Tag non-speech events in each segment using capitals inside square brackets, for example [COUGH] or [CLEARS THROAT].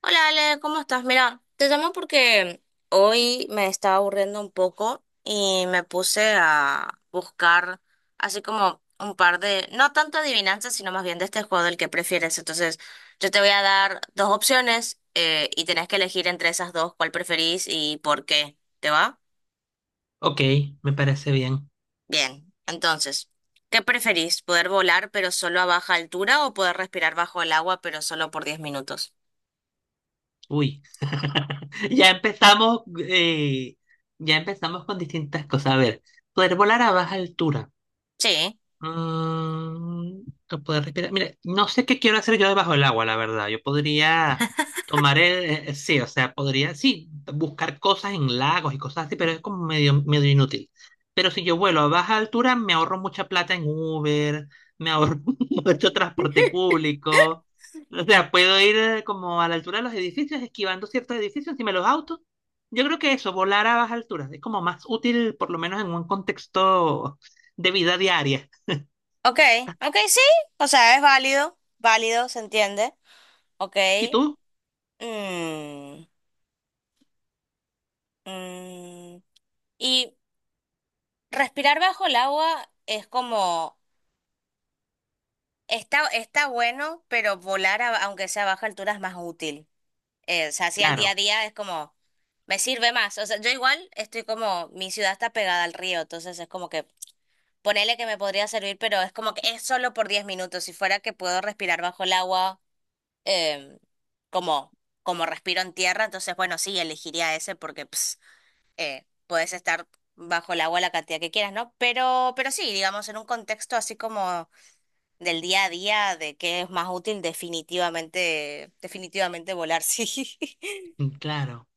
Hola Ale, ¿cómo estás? Mira, te llamo porque hoy me estaba aburriendo un poco y me puse a buscar así como un par de, no tanto adivinanzas, sino más bien de este juego del que prefieres. Entonces, yo te voy a dar dos opciones y tenés que elegir entre esas dos cuál preferís y por qué. ¿Te va? Ok, me parece bien. Bien, entonces, ¿qué preferís? ¿Poder volar pero solo a baja altura o poder respirar bajo el agua pero solo por 10 minutos? Uy, [LAUGHS] ya empezamos, eh, ya empezamos con distintas cosas. A ver, poder volar a baja altura. Sí. Mm, no poder respirar. Mire, no sé qué quiero hacer yo debajo del agua, la verdad. Yo podría tomar el, sí, o sea, podría, sí, buscar cosas en lagos y cosas así, pero es como medio inútil. Pero si yo vuelo a baja altura, me ahorro mucha plata en Uber, me ahorro [LAUGHS] mucho transporte público. O sea, puedo ir como a la altura de los edificios, esquivando ciertos edificios, encima de los autos. Yo creo que eso, volar a baja altura, es como más útil, por lo menos en un contexto de vida diaria. Ok, ok, sí, o sea, es válido, válido, se entiende. Ok. ¿Y tú? mm, mm, Y respirar bajo el agua es como, está, está bueno, pero volar aunque sea a baja altura es más útil. O sea, así al día Claro, a día es como, me sirve más. O sea, yo igual estoy como, mi ciudad está pegada al río, entonces es como que, ponele que me podría servir, pero es como que es solo por 10 minutos. Si fuera que puedo respirar bajo el agua. em, como, como respiro en tierra, entonces, bueno, sí, elegiría ese porque puedes estar bajo el agua la cantidad que quieras, ¿no? Pero sí, digamos, en un contexto así como del día a día, de qué es más útil, definitivamente, definitivamente volar, [LAUGHS] sí. mm, claro.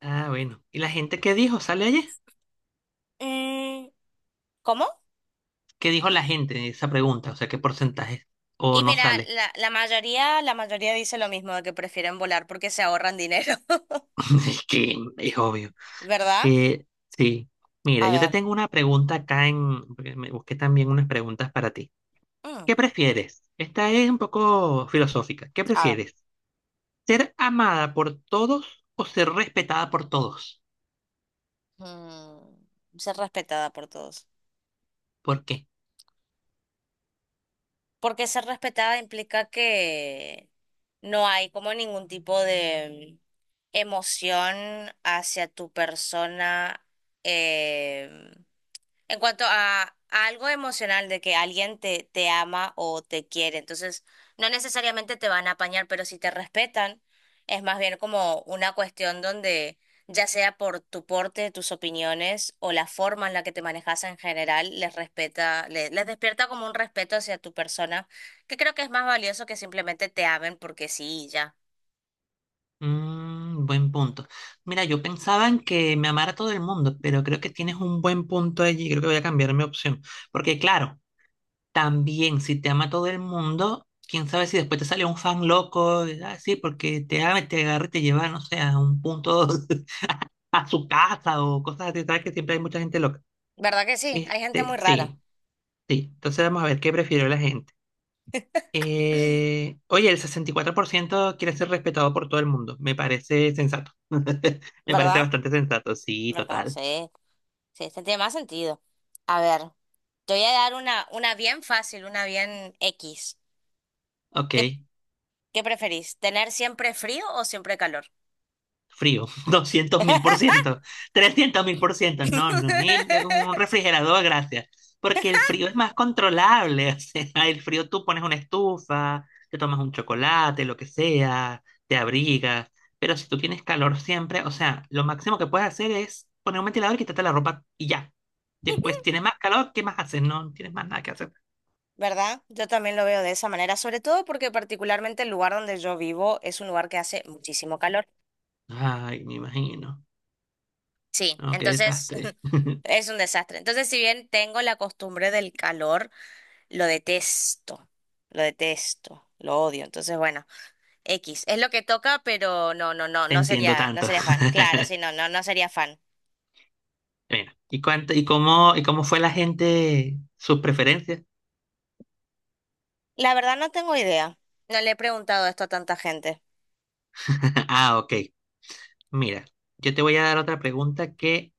Ah, bueno. ¿Y la gente qué dijo? ¿Sale allí Mm, ¿cómo? ¿Qué dijo la gente en esa pregunta? O sea, ¿qué porcentaje? ¿O Y no mira, sale? la mayoría, la mayoría dice lo mismo, de que prefieren volar porque se ahorran dinero, [LAUGHS] [LAUGHS] Es que es obvio. ¿verdad? Que sí. Mira, A yo te ver, tengo una pregunta acá en... porque me busqué también unas preguntas para ti. mm, ¿Qué prefieres? Esta es un poco filosófica. ¿Qué a ver, prefieres? ¿Ser amada por todos o ser respetada por todos? mm, ser respetada por todos. ¿Por qué? Porque ser respetada implica que no hay como ningún tipo de emoción hacia tu persona. em, en cuanto a algo emocional de que alguien te ama o te quiere, entonces no necesariamente te van a apañar, pero si te respetan, es más bien como una cuestión donde ya sea por tu porte, tus opiniones o la forma en la que te manejas en general, les respeta, les despierta como un respeto hacia tu persona, que creo que es más valioso que simplemente te amen porque sí, y ya. Mm, buen punto. Mira, yo pensaba en que me amara todo el mundo, pero creo que tienes un buen punto allí. Creo que voy a cambiar mi opción. Porque claro, también si te ama todo el mundo, quién sabe si después te sale un fan loco, y, ah, sí, porque te ama, y te agarra y te lleva, no sé, a un punto [LAUGHS] a su casa o cosas así, sabes que siempre hay mucha gente loca. ¿Verdad que sí? Hay gente Este, muy rara, sí, sí. Entonces vamos a ver qué prefirió la gente. Oye, el 64% quiere ser respetado por todo el mundo. Me parece sensato. [LAUGHS] Me parece ¿verdad? bastante sensato, sí, ¿Verdad? total. Sí, sí, este tiene más sentido. A ver. Te voy a dar una bien fácil, una bien X. Ok. ¿Qué, ¿qué preferís? ¿Tener siempre frío o siempre calor? Frío, [LAUGHS] 200.000%, 300.000%, no, no, un refrigerador, gracias, porque el frío es más controlable. [LAUGHS] O sea, el frío tú pones una estufa, te tomas un chocolate, lo que sea, te abrigas, pero si tú tienes calor siempre, o sea, lo máximo que puedes hacer es poner un ventilador y quitarte la ropa y ya. Después tienes más calor, ¿qué más haces? No, no tienes más nada que hacer. ¿Verdad? Yo también lo veo de esa manera, sobre todo porque particularmente el lugar donde yo vivo es un lugar que hace muchísimo calor. Ay, me imagino. Sí, No, qué entonces [LAUGHS] desastre. [LAUGHS] es un desastre. Entonces, si bien tengo la costumbre del calor, lo detesto, lo detesto, lo odio. Entonces, bueno, X, es lo que toca, pero no, no, no, Te no entiendo sería, no tanto. sería fan. Claro, sí, no, no, no sería fan. Mira, ¿y cómo fue la gente, sus preferencias? La verdad no tengo idea. No le he preguntado esto a tanta gente. [LAUGHS] Ah, ok. Mira, yo te voy a dar otra pregunta que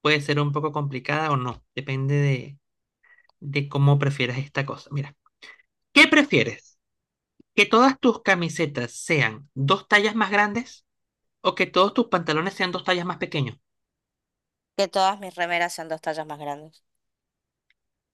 puede ser un poco complicada o no. Depende de cómo prefieras esta cosa. Mira, ¿qué prefieres? ¿Que todas tus camisetas sean dos tallas más grandes o que todos tus pantalones sean dos tallas más pequeños? Que todas mis remeras sean dos tallas más grandes.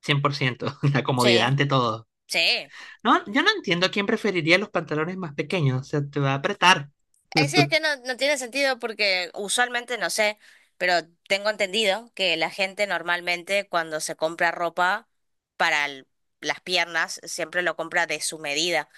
100%, [LAUGHS] la Sí, comodidad ante todo. sí. No, yo no entiendo a quién preferiría los pantalones más pequeños. O sea, te va a apretar. Sí, es [LAUGHS] que no, no tiene sentido porque usualmente, no sé, pero tengo entendido que la gente normalmente cuando se compra ropa para el- las piernas siempre lo compra de su medida.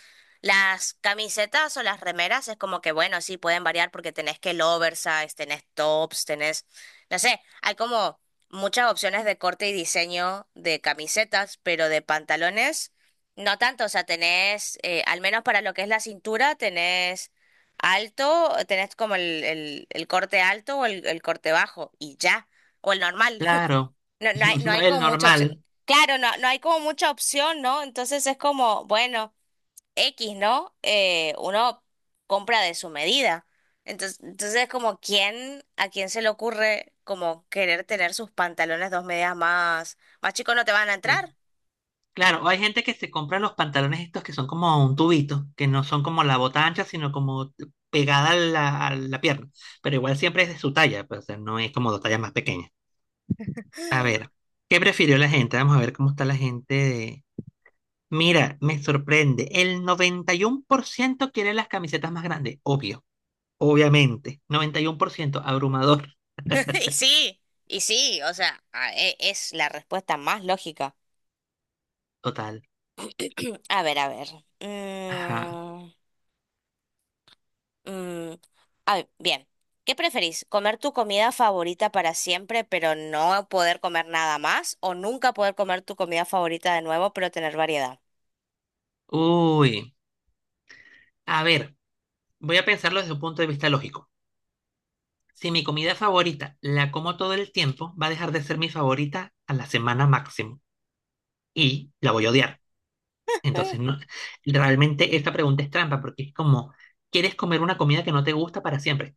Las camisetas o las remeras es como que, bueno, sí, pueden variar porque tenés que el oversize, tenés tops, tenés, no sé, hay como muchas opciones de corte y diseño de camisetas, pero de pantalones no tanto, o sea, tenés, al menos para lo que es la cintura, tenés Alto, tenés como el corte alto o el corte bajo y ya, o el normal. [LAUGHS] Claro, No, no hay, [LAUGHS] no no, hay el como mucha opción. normal. Claro, no, no hay como mucha opción, ¿no? Entonces es como, bueno, X, ¿no? Uno compra de su medida. Entonces, entonces es como, ¿a quién se le ocurre como querer tener sus pantalones dos medidas más, más chicos no te van a entrar? Claro, hay gente que se compra los pantalones estos que son como un tubito, que no son como la bota ancha, sino como pegada a la pierna. Pero igual siempre es de su talla, pues, o sea, no es como dos tallas más pequeñas. A ver, ¿qué prefirió la gente? Vamos a ver cómo está la gente de... Mira, me sorprende. El 91% quiere las camisetas más grandes, obvio, obviamente. 91%, abrumador, [LAUGHS] Y sí, y sí, o sea, es la respuesta más lógica. total. [CLEARS THROAT] A ver, a ver. Ajá. Mm. Mm, a ver, bien. ¿Qué preferís? ¿Comer tu comida favorita para siempre, pero no poder comer nada más? ¿O nunca poder comer tu comida favorita de nuevo, pero tener variedad? Uy, a ver, voy a pensarlo desde un punto de vista lógico. Si mi comida favorita la como todo el tiempo, va a dejar de ser mi favorita a la semana máximo y la voy a odiar. Eh, Entonces, no, realmente esta pregunta es trampa porque es como, ¿quieres comer una comida que no te gusta para siempre?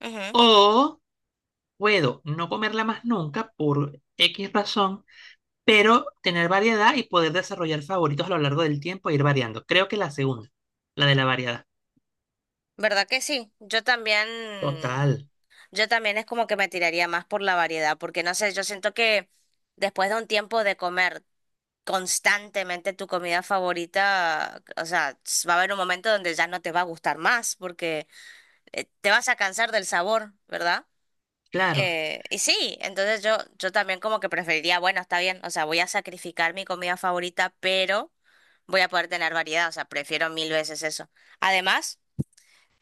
ujú. O puedo no comerla más nunca por X razón, pero tener variedad y poder desarrollar favoritos a lo largo del tiempo e ir variando. Creo que la segunda, la de la variedad. ¿Verdad que sí? Total, Yo también es como que me tiraría más por la variedad, porque no sé, yo siento que después de un tiempo de comer constantemente tu comida favorita, o sea, va a haber un momento donde ya no te va a gustar más, porque te vas a cansar del sabor, ¿verdad? claro, Y sí, entonces yo también como que preferiría, bueno, está bien, o sea, voy a sacrificar mi comida favorita, pero voy a poder tener variedad, o sea, prefiero mil veces eso. Además,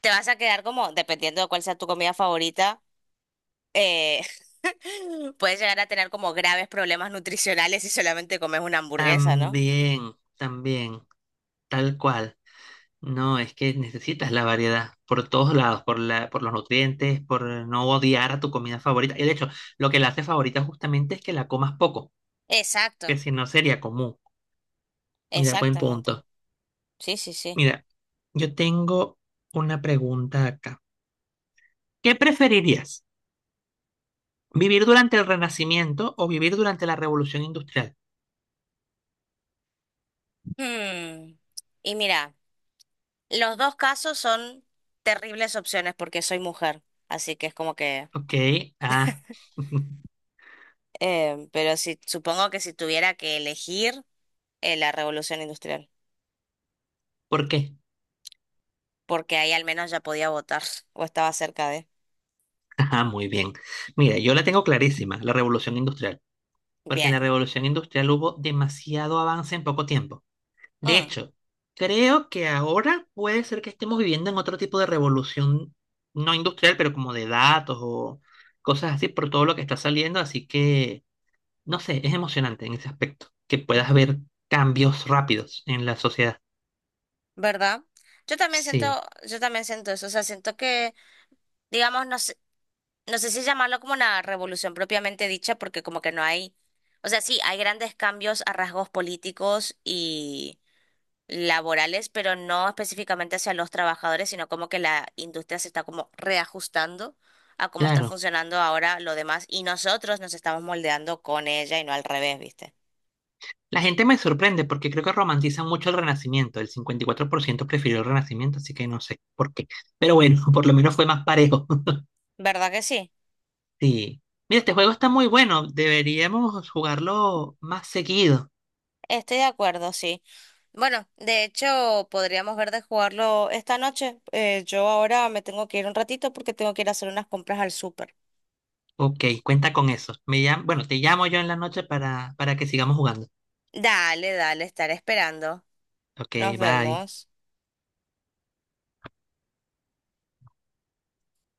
te vas a quedar como, dependiendo de cuál sea tu comida favorita, eh, [LAUGHS] puedes llegar a tener como graves problemas nutricionales si solamente comes una hamburguesa, ¿no? también, también, tal cual. No, es que necesitas la variedad por todos lados, por los nutrientes, por no odiar a tu comida favorita. Y de hecho, lo que la hace favorita justamente es que la comas poco, que Exacto, si no sería común. Mira, buen exactamente. punto. Sí, sí, sí. Mira, yo tengo una pregunta acá. ¿Qué preferirías? ¿Vivir durante el Renacimiento o vivir durante la Revolución Industrial? Hmm, y mira, los dos casos son terribles opciones porque soy mujer, así que es como que... Ok, ah, [LAUGHS] pero si, supongo que si tuviera que elegir la revolución industrial, ¿por qué? porque ahí al menos ya podía votar [LAUGHS] o estaba cerca de. Ajá, muy bien. Mira, yo la tengo clarísima, la Revolución Industrial. Porque en la Bien, revolución industrial hubo demasiado avance en poco tiempo. De Mm, hecho, creo que ahora puede ser que estemos viviendo en otro tipo de revolución, no industrial, pero como de datos o cosas así por todo lo que está saliendo, así que, no sé, es emocionante en ese aspecto, que puedas ver cambios rápidos en la sociedad. ¿verdad? Yo también siento, Sí, yo también siento eso, o sea, siento que, digamos, no sé, no sé si llamarlo como una revolución propiamente dicha, porque como que no hay, o sea, sí, hay grandes cambios a rasgos políticos laborales, pero no específicamente hacia los trabajadores, sino como que la industria se está como reajustando a cómo está claro. funcionando ahora lo demás y nosotros nos estamos moldeando con ella y no al revés, ¿viste? La gente me sorprende porque creo que romantizan mucho el Renacimiento. El 54% prefirió el Renacimiento, así que no sé por qué. Pero bueno, [LAUGHS] por lo menos fue más parejo. ¿Verdad que sí? Sí. Mira, este juego está muy bueno. Deberíamos jugarlo más seguido. Estoy de acuerdo, sí. Bueno, de hecho, podríamos ver de jugarlo esta noche. Yo ahora me tengo que ir un ratito porque tengo que ir a hacer unas compras al súper. Ok, cuenta con eso. Bueno, te llamo yo en la noche para, que sigamos jugando. Dale, dale, estaré esperando. Nos Ok, bye. vemos.